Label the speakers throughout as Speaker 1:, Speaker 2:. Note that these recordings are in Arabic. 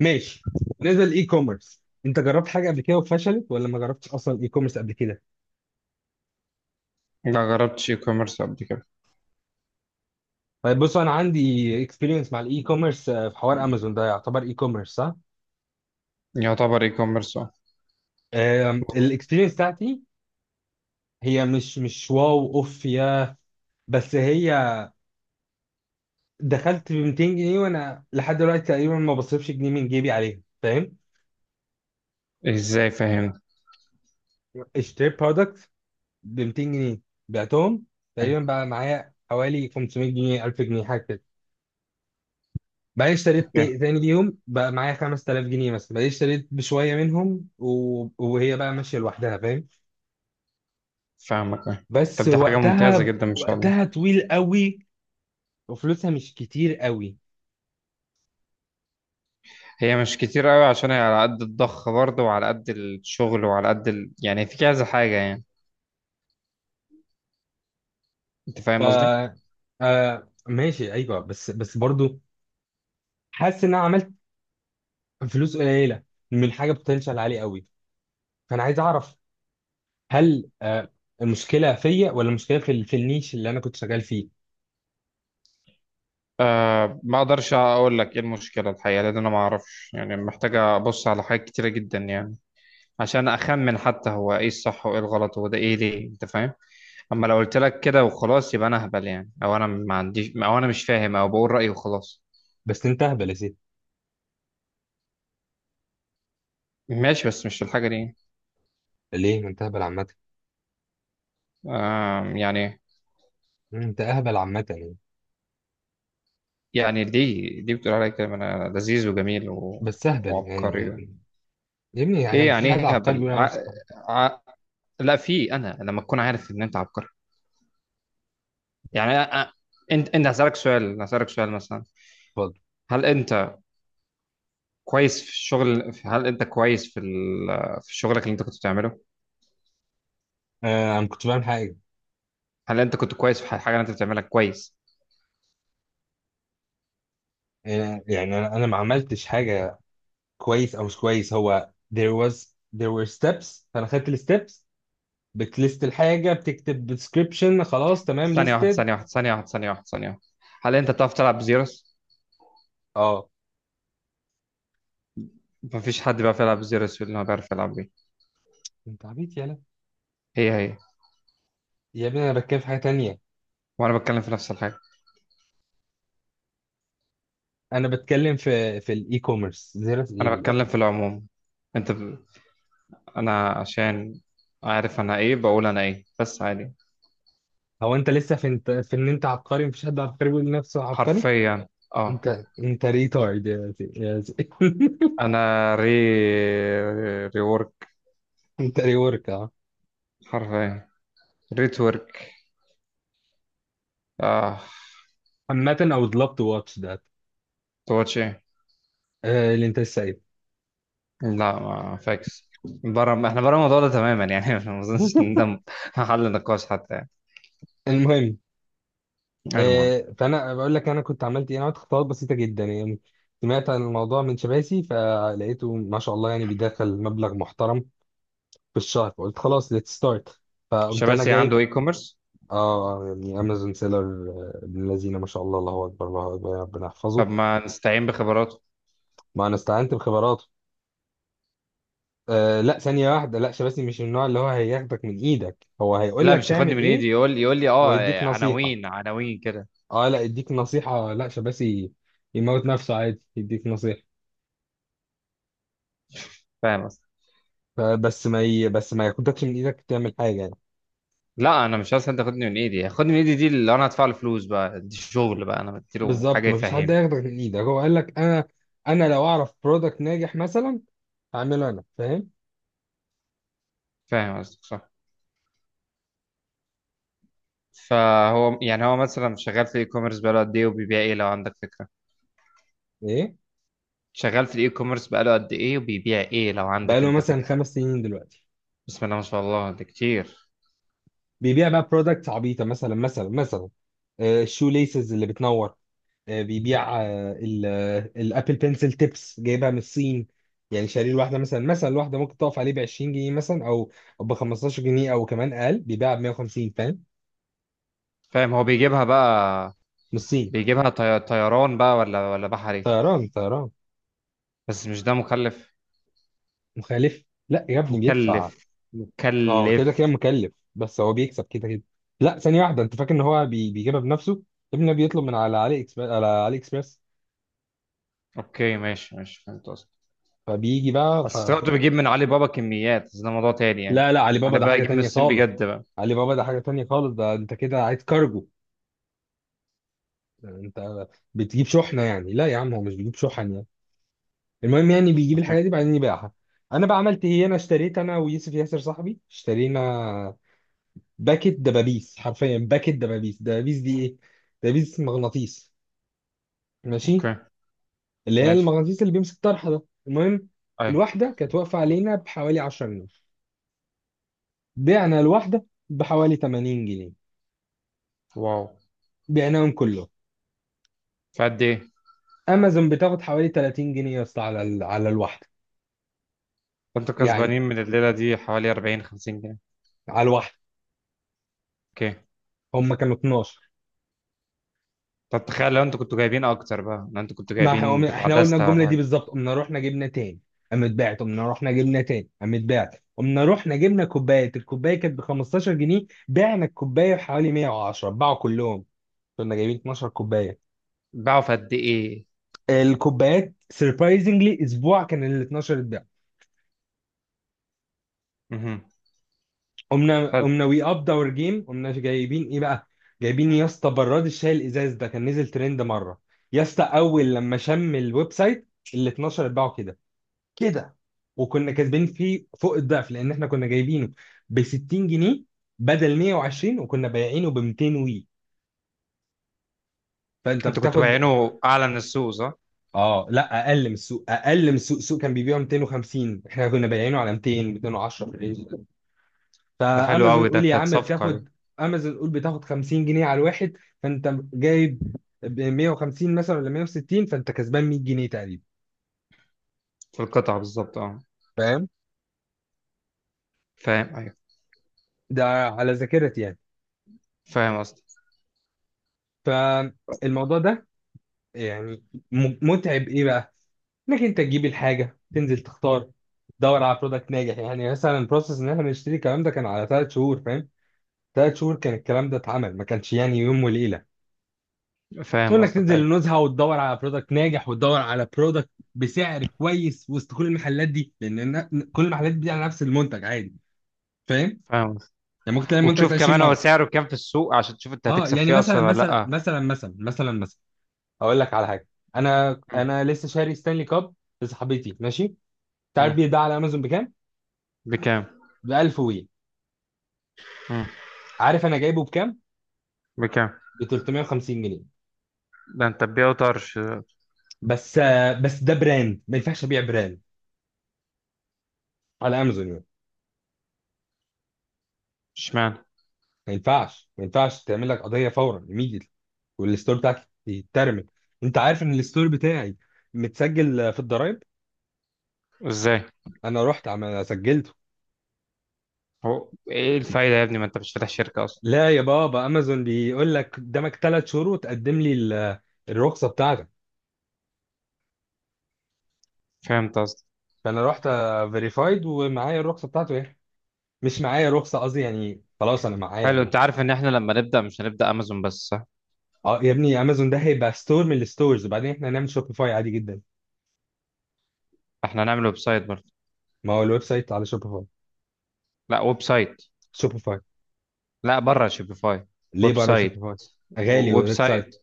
Speaker 1: ماشي. نزل اي كوميرس، انت جربت حاجه قبل كده وفشلت ولا ما جربتش اصلا اي كوميرس قبل كده؟
Speaker 2: لا، جربتش اي كوميرس قبل كده.
Speaker 1: طيب، بص، انا عندي اكسبيرينس مع الاي كوميرس في حوار امازون. ده يعتبر اي كوميرس صح؟
Speaker 2: يعتبر اي كوميرس، اه.
Speaker 1: الاكسبيرينس بتاعتي، هي مش واو اوف يا، بس هي دخلت ب 200 جنيه، وانا لحد دلوقتي تقريبا ما بصرفش جنيه من جيبي عليها، فاهم؟
Speaker 2: ازاي؟ فاهم؟
Speaker 1: اشتريت برودكت ب 200 جنيه، بعتهم، تقريبا بقى معايا حوالي 500 جنيه، 1000 جنيه، حاجه كده. بقى اشتريت
Speaker 2: اوكي،
Speaker 1: تاني ليهم، بقى معايا 5000 جنيه مثلا، بقى اشتريت بشويه منهم و... وهي بقى ماشيه لوحدها، فاهم؟
Speaker 2: فاهمك أه.
Speaker 1: بس
Speaker 2: طب، دي حاجة ممتازة
Speaker 1: وقتها
Speaker 2: جدا ما شاء الله.
Speaker 1: وقتها طويل قوي، وفلوسها مش كتير قوي.
Speaker 2: هي مش كتير قوي عشان هي على قد الضخ برضه وعلى قد الشغل وعلى قد يعني في كذا حاجة يعني. انت
Speaker 1: ف
Speaker 2: فاهم قصدي.
Speaker 1: ماشي، ايوه، بس برضو، حاسس ان انا عملت فلوس قليله من حاجه بوتنشال عالي قوي. فانا عايز اعرف، هل المشكله فيا ولا المشكله في في النيش اللي انا كنت شغال فيه؟
Speaker 2: ما اقدرش اقول لك ايه المشكلة الحقيقة، لان انا ما اعرفش، يعني محتاجة ابص على حاجات كتيرة جدا يعني. عشان اخمن حتى هو ايه الصح وايه الغلط وده ايه ليه، انت فاهم؟ اما لو قلت لك كده وخلاص، يبقى انا اهبل يعني، او انا ما عنديش، او انا مش فاهم، او بقول رأيي وخلاص.
Speaker 1: بس انت اهبل يا سيدي.
Speaker 2: ماشي، بس مش الحاجة دي.
Speaker 1: ليه؟ ما انت اهبل عامه.
Speaker 2: يعني.
Speaker 1: انت اهبل عامه يعني.
Speaker 2: يعني دي بتقول عليا كده انا لذيذ وجميل
Speaker 1: بس اهبل يعني.
Speaker 2: وعبقري.
Speaker 1: يا ابني، يعني
Speaker 2: ايه
Speaker 1: مفيش
Speaker 2: يعني؟
Speaker 1: حد
Speaker 2: ايه
Speaker 1: عبقري
Speaker 2: هبل؟
Speaker 1: بيقول على نفسه عبقري.
Speaker 2: ع... لا، في انا لما تكون عارف ان انت عبقري. يعني انت هسألك سؤال مثلا.
Speaker 1: اتفضل.
Speaker 2: هل انت كويس في الشغل؟ هل انت كويس في شغلك اللي انت كنت بتعمله؟
Speaker 1: آه، انا كنت بعمل حاجه.
Speaker 2: هل انت كنت كويس في الحاجة اللي انت بتعملها كويس؟
Speaker 1: يعني انا ما عملتش حاجه كويس او مش كويس. هو there were steps، فانا خدت الستبس، بتليست الحاجه، بتكتب description، خلاص تمام
Speaker 2: ثانية واحدة،
Speaker 1: listed.
Speaker 2: ثانية واحدة، ثانية واحدة، ثانية واحدة، ثانية واحدة. هل انت بتعرف تلعب زيروس؟
Speaker 1: اه،
Speaker 2: مفيش حد بيعرف يلعب زيروس اللي هو بيعرف يلعب بيه.
Speaker 1: انت عبيط، يالا.
Speaker 2: هي هي.
Speaker 1: يا ابني، انا بتكلم في حاجه تانية.
Speaker 2: وانا بتكلم في نفس الحاجه.
Speaker 1: انا بتكلم في الاي كوميرس. زيرو ايه
Speaker 2: انا بتكلم في
Speaker 1: دلوقتي؟
Speaker 2: العموم. انت انا عشان عارف انا ايه، بقول انا ايه، بس عادي.
Speaker 1: هو انت لسه في ان انت عبقري؟ مفيش حد عبقري بيقول لنفسه عبقري.
Speaker 2: حرفيا، اه.
Speaker 1: انت ريتارد، يا زي.
Speaker 2: انا ريورك.
Speaker 1: انت ريورك.
Speaker 2: حرفيا، ريتورك، اه.
Speaker 1: عامة، I would love to watch that.
Speaker 2: تواتش ايه؟
Speaker 1: آه، اللي انت لسه قايله.
Speaker 2: لا، ما فاكس. بره، احنا بره الموضوع ده تماما يعني. ما اظنش ان ده حل نقاش حتى يعني.
Speaker 1: المهم.
Speaker 2: المهم.
Speaker 1: فانا بقول لك انا كنت عملت ايه. انا عملت خطوات بسيطه جدا يعني، سمعت عن الموضوع من شباسي فلقيته ما شاء الله يعني بيدخل مبلغ محترم في الشهر، فقلت خلاص، let's start. فقمت انا
Speaker 2: شباسي عنده
Speaker 1: جايب.
Speaker 2: اي كوميرس؟
Speaker 1: اه، يعني امازون سيلر، ابن الذين ما شاء الله، الله اكبر، الله اكبر، يا ربنا
Speaker 2: طب
Speaker 1: يحفظه.
Speaker 2: ما نستعين بخبراته.
Speaker 1: ما انا استعنت بخبراته. آه لا، ثانيه واحده، لا، شباسي مش من النوع اللي هو هياخدك من ايدك، هو هيقول
Speaker 2: لا،
Speaker 1: لك
Speaker 2: مش هياخدني
Speaker 1: تعمل
Speaker 2: من ايدي
Speaker 1: ايه
Speaker 2: يقول لي اه
Speaker 1: ويديك نصيحه.
Speaker 2: عناوين عناوين كده.
Speaker 1: اه، لا يديك نصيحة؟ لا، شباسي يموت نفسه عادي يديك نصيحة.
Speaker 2: فاهم.
Speaker 1: فبس ما ي... بس ما ياخدكش من ايدك تعمل حاجة يعني.
Speaker 2: لا، انا مش عايز حد ياخدني من ايدي، ياخدني من ايدي دي اللي انا هدفع له فلوس بقى، دي شغل بقى انا بديله
Speaker 1: بالظبط،
Speaker 2: حاجه
Speaker 1: ما فيش حد
Speaker 2: يفهمني.
Speaker 1: هياخدك من ايدك. هو قال لك انا لو اعرف برودكت ناجح مثلا هعمله انا، فاهم؟
Speaker 2: فاهم قصدك، صح. فهو يعني هو مثلا شغال في الاي كوميرس بقاله قد ايه وبيبيع ايه، لو عندك فكره؟
Speaker 1: ايه؟
Speaker 2: شغال في الاي كوميرس بقاله قد ايه وبيبيع ايه، لو
Speaker 1: بقى
Speaker 2: عندك
Speaker 1: له
Speaker 2: انت
Speaker 1: مثلا
Speaker 2: فكره؟
Speaker 1: 5 سنين دلوقتي.
Speaker 2: بسم الله ما شاء الله، ده كتير.
Speaker 1: بيبيع بقى برودكت عبيطة، مثلا مثلا مثلا، الشو ليسز اللي بتنور. بيبيع الابل بنسل تيبس جايبها من الصين. يعني شاريه الواحده مثلا مثلا، الواحده ممكن تقف عليه ب 20 جنيه مثلا، او ب 15 جنيه او كمان اقل، بيبيعها ب 150، فاهم؟
Speaker 2: فاهم، هو بيجيبها بقى.
Speaker 1: من الصين.
Speaker 2: بيجيبها طيران بقى ولا بحري؟
Speaker 1: طيران طيران.
Speaker 2: بس مش ده مكلف؟
Speaker 1: مخالف. لا يا ابني، بيدفع.
Speaker 2: مكلف،
Speaker 1: اه، كده
Speaker 2: مكلف.
Speaker 1: كده مكلف، بس هو بيكسب كده كده. لا، ثانيه واحده، انت فاكر ان هو بيجيبها بنفسه؟ ابنه بيطلب من على علي اكسبرس، على علي اكسبرس.
Speaker 2: اوكي، ماشي ماشي، فهمت قصدك.
Speaker 1: فبيجي بقى.
Speaker 2: بس افتكرت بجيب من علي بابا كميات، بس ده موضوع تاني يعني.
Speaker 1: لا، لا، علي بابا
Speaker 2: انا
Speaker 1: ده
Speaker 2: بقى
Speaker 1: حاجه
Speaker 2: اجيب من
Speaker 1: تانيه
Speaker 2: الصين
Speaker 1: خالص.
Speaker 2: بجد بقى.
Speaker 1: علي بابا ده حاجه تانيه خالص، ده انت كده عايز كارجو. انت بتجيب شحنه يعني؟ لا يا عم، هو مش بيجيب شحن يعني. المهم، يعني بيجيب الحاجات دي بعدين يبيعها. انا بقى عملت ايه؟ انا اشتريت، انا ويوسف ياسر صاحبي اشترينا باكت دبابيس، حرفيا باكت دبابيس. دبابيس دي ايه؟ دبابيس مغناطيس، ماشي،
Speaker 2: اوكي،
Speaker 1: اللي هي
Speaker 2: ماشي،
Speaker 1: المغناطيس اللي بيمسك طرحه ده، المهم.
Speaker 2: اي،
Speaker 1: الواحده كانت واقفه علينا بحوالي 10 جنيه، بعنا الواحده بحوالي 80 جنيه،
Speaker 2: واو،
Speaker 1: بعناهم كله.
Speaker 2: في قد ايه؟
Speaker 1: امازون بتاخد حوالي 30 جنيه يا اسطى، على الواحده.
Speaker 2: كنتوا
Speaker 1: يعني،
Speaker 2: كسبانين من الليله دي حوالي 40 50 جنيه.
Speaker 1: على الواحده،
Speaker 2: اوكي،
Speaker 1: هم كانوا 12.
Speaker 2: طب تخيل لو انتوا كنتوا جايبين اكتر بقى، لو انتوا كنتوا
Speaker 1: ما احنا
Speaker 2: جايبين
Speaker 1: قمنا،
Speaker 2: بتاع
Speaker 1: احنا قلنا
Speaker 2: دستة
Speaker 1: الجمله
Speaker 2: ولا
Speaker 1: دي
Speaker 2: حاجه.
Speaker 1: بالظبط، قمنا رحنا جبنا تاني، قامت باعت، قمنا رحنا جبنا تاني، قامت باعت، قمنا رحنا جبنا كوبايه. الكوبايه كانت ب 15 جنيه، بعنا الكوبايه بحوالي 110، باعوا كلهم. كنا جايبين 12 كوبايه،
Speaker 2: باعوا في قد ايه؟
Speaker 1: الكوبايات سربرايزنجلي اسبوع كان ال 12 اتباع.
Speaker 2: مهم.
Speaker 1: قمنا
Speaker 2: حلو،
Speaker 1: قمنا وي اب اور جيم، قمنا جايبين ايه بقى؟ جايبين يا اسطى براد الشاي الازاز، ده كان نزل ترند مره. يا اسطى، اول لما شم الويب سايت ال 12 اتباعوا كده كده، وكنا كسبانين فيه فوق الضعف لان احنا كنا جايبينه ب 60 جنيه بدل 120، وكنا بايعينه ب 200 وي، فانت
Speaker 2: انتوا كنتوا
Speaker 1: بتاخد.
Speaker 2: بايعينه اعلى من السوق صح؟
Speaker 1: اه لا، اقل من السوق، اقل من السوق، السوق كان بيبيعه 250، احنا كنا بايعينه على 200 210 في الرينج ده.
Speaker 2: ده حلو
Speaker 1: فامازون
Speaker 2: قوي، ده
Speaker 1: قول يا
Speaker 2: كانت
Speaker 1: عم
Speaker 2: صفقه دي.
Speaker 1: بتاخد، امازون قول بتاخد 50 جنيه على الواحد، فانت جايب ب 150 مثلا ولا 160، فانت كسبان 100 جنيه تقريبا،
Speaker 2: في القطعه بالظبط اه.
Speaker 1: فاهم؟
Speaker 2: فاهم، ايوه.
Speaker 1: ده على ذاكرتي يعني.
Speaker 2: فاهم قصدك.
Speaker 1: فالموضوع ده يعني متعب ايه بقى؟ انك انت تجيب الحاجه، تنزل تختار، تدور على برودكت ناجح، يعني مثلا البروسيس ان احنا نشتري الكلام ده كان على 3 شهور، فاهم؟ 3 شهور كان الكلام ده اتعمل، ما كانش يعني يوم وليله.
Speaker 2: فاهم
Speaker 1: انك
Speaker 2: قصدك،
Speaker 1: تنزل
Speaker 2: ايوه،
Speaker 1: النزهه وتدور على برودكت ناجح وتدور على برودكت بسعر كويس وسط كل المحلات دي، لان كل المحلات دي على نفس المنتج عادي، فاهم؟
Speaker 2: فاهم.
Speaker 1: يعني ممكن تلاقي المنتج
Speaker 2: وتشوف
Speaker 1: ده 20
Speaker 2: كمان هو
Speaker 1: مره.
Speaker 2: سعره كام في السوق، عشان تشوف انت
Speaker 1: اه،
Speaker 2: هتكسب
Speaker 1: يعني
Speaker 2: فيه
Speaker 1: مثلا
Speaker 2: اصلا ولا
Speaker 1: مثلا
Speaker 2: لا.
Speaker 1: مثلا مثلا مثلا مثلا، اقول لك على حاجه. انا
Speaker 2: مم.
Speaker 1: انا لسه شاري ستانلي كاب لصاحبتي، ماشي. تعرف
Speaker 2: مم.
Speaker 1: بيتباع على امازون بكام؟
Speaker 2: بكام؟
Speaker 1: ب 1000 وي.
Speaker 2: مم.
Speaker 1: عارف انا جايبه بكام؟
Speaker 2: بكام؟
Speaker 1: ب 350 جنيه.
Speaker 2: ده انت تبيعه طرش.
Speaker 1: بس ده براند، ما ينفعش ابيع براند على امازون يعني.
Speaker 2: اشمعنى؟
Speaker 1: ما ينفعش، ما ينفعش تعمل لك قضيه فورا، immediately، والستور بتاعك يترمي. انت عارف ان الستور بتاعي متسجل في الضرايب.
Speaker 2: ازاي؟
Speaker 1: انا رحت عم سجلته.
Speaker 2: هو ايه الفايده يا ابني؟ ما انت مش فاتح شركه اصلا.
Speaker 1: لا يا بابا، امازون بيقول لك قدامك 3 شهور وتقدم لي الرخصه بتاعتك.
Speaker 2: فهمت قصدي؟
Speaker 1: فانا رحت فيريفايد ومعايا الرخصه بتاعته ايه، مش معايا رخصه، قصدي يعني خلاص انا معايا.
Speaker 2: حلو، انت عارف ان احنا لما نبدا مش هنبدا امازون بس، صح؟
Speaker 1: اه يا ابني، امازون ده هيبقى ستور من الستورز، وبعدين احنا هنعمل شوبيفاي عادي جدا.
Speaker 2: احنا هنعمل ويب سايت برضه.
Speaker 1: ما هو الويب سايت على شوبيفاي.
Speaker 2: لا، ويب سايت.
Speaker 1: شوبيفاي؟
Speaker 2: لا، بره شوبيفاي.
Speaker 1: ليه
Speaker 2: ويب
Speaker 1: بره
Speaker 2: سايت.
Speaker 1: شوبيفاي؟ غالي
Speaker 2: ويب
Speaker 1: الويب سايت.
Speaker 2: سايت.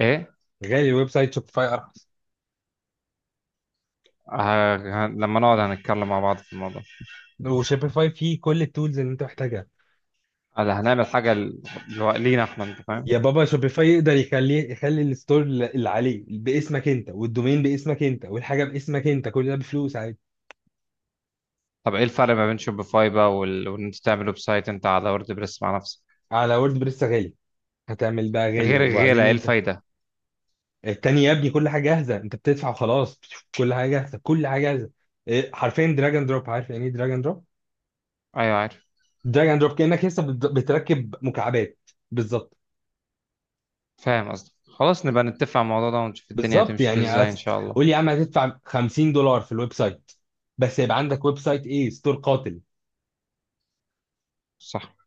Speaker 2: ايه؟
Speaker 1: غالي الويب سايت، شوبيفاي ارخص.
Speaker 2: ه... لما نقعد هنتكلم مع بعض في الموضوع.
Speaker 1: وشوبيفاي فيه كل التولز اللي انت محتاجها.
Speaker 2: هلا هنعمل حاجه لينا احنا، انت فاهم؟
Speaker 1: يا بابا، شوبيفاي يقدر يخلي الستور اللي عليه باسمك انت والدومين باسمك انت والحاجه باسمك انت، كل ده بفلوس عادي.
Speaker 2: طب ايه الفرق ما بين شوبيفاي بقى وان انت تعمل ويب سايت انت على ووردبريس مع نفسك؟
Speaker 1: على وورد بريس غالي، هتعمل بقى غالي،
Speaker 2: غير الغيره،
Speaker 1: وبعدين
Speaker 2: ايه
Speaker 1: انت
Speaker 2: الفايده؟
Speaker 1: التاني يا ابني، كل حاجه جاهزه، انت بتدفع وخلاص، بتشوف كل حاجه جاهزه، كل حاجه جاهزه. إيه، حرفيا دراج اند دروب. عارف يعني ايه دراج اند دروب؟
Speaker 2: ايوه عارف.
Speaker 1: دراج اند دروب، كانك لسه بتركب مكعبات، بالظبط.
Speaker 2: فاهم قصدك، خلاص نبقى نتفق على الموضوع ده ونشوف الدنيا
Speaker 1: بالظبط
Speaker 2: هتمشي فيه
Speaker 1: يعني
Speaker 2: ازاي ان شاء الله.
Speaker 1: قول لي يا عم، هتدفع 50 دولار في الويب سايت بس يبقى عندك ويب سايت، ايه ستور قاتل.
Speaker 2: صح.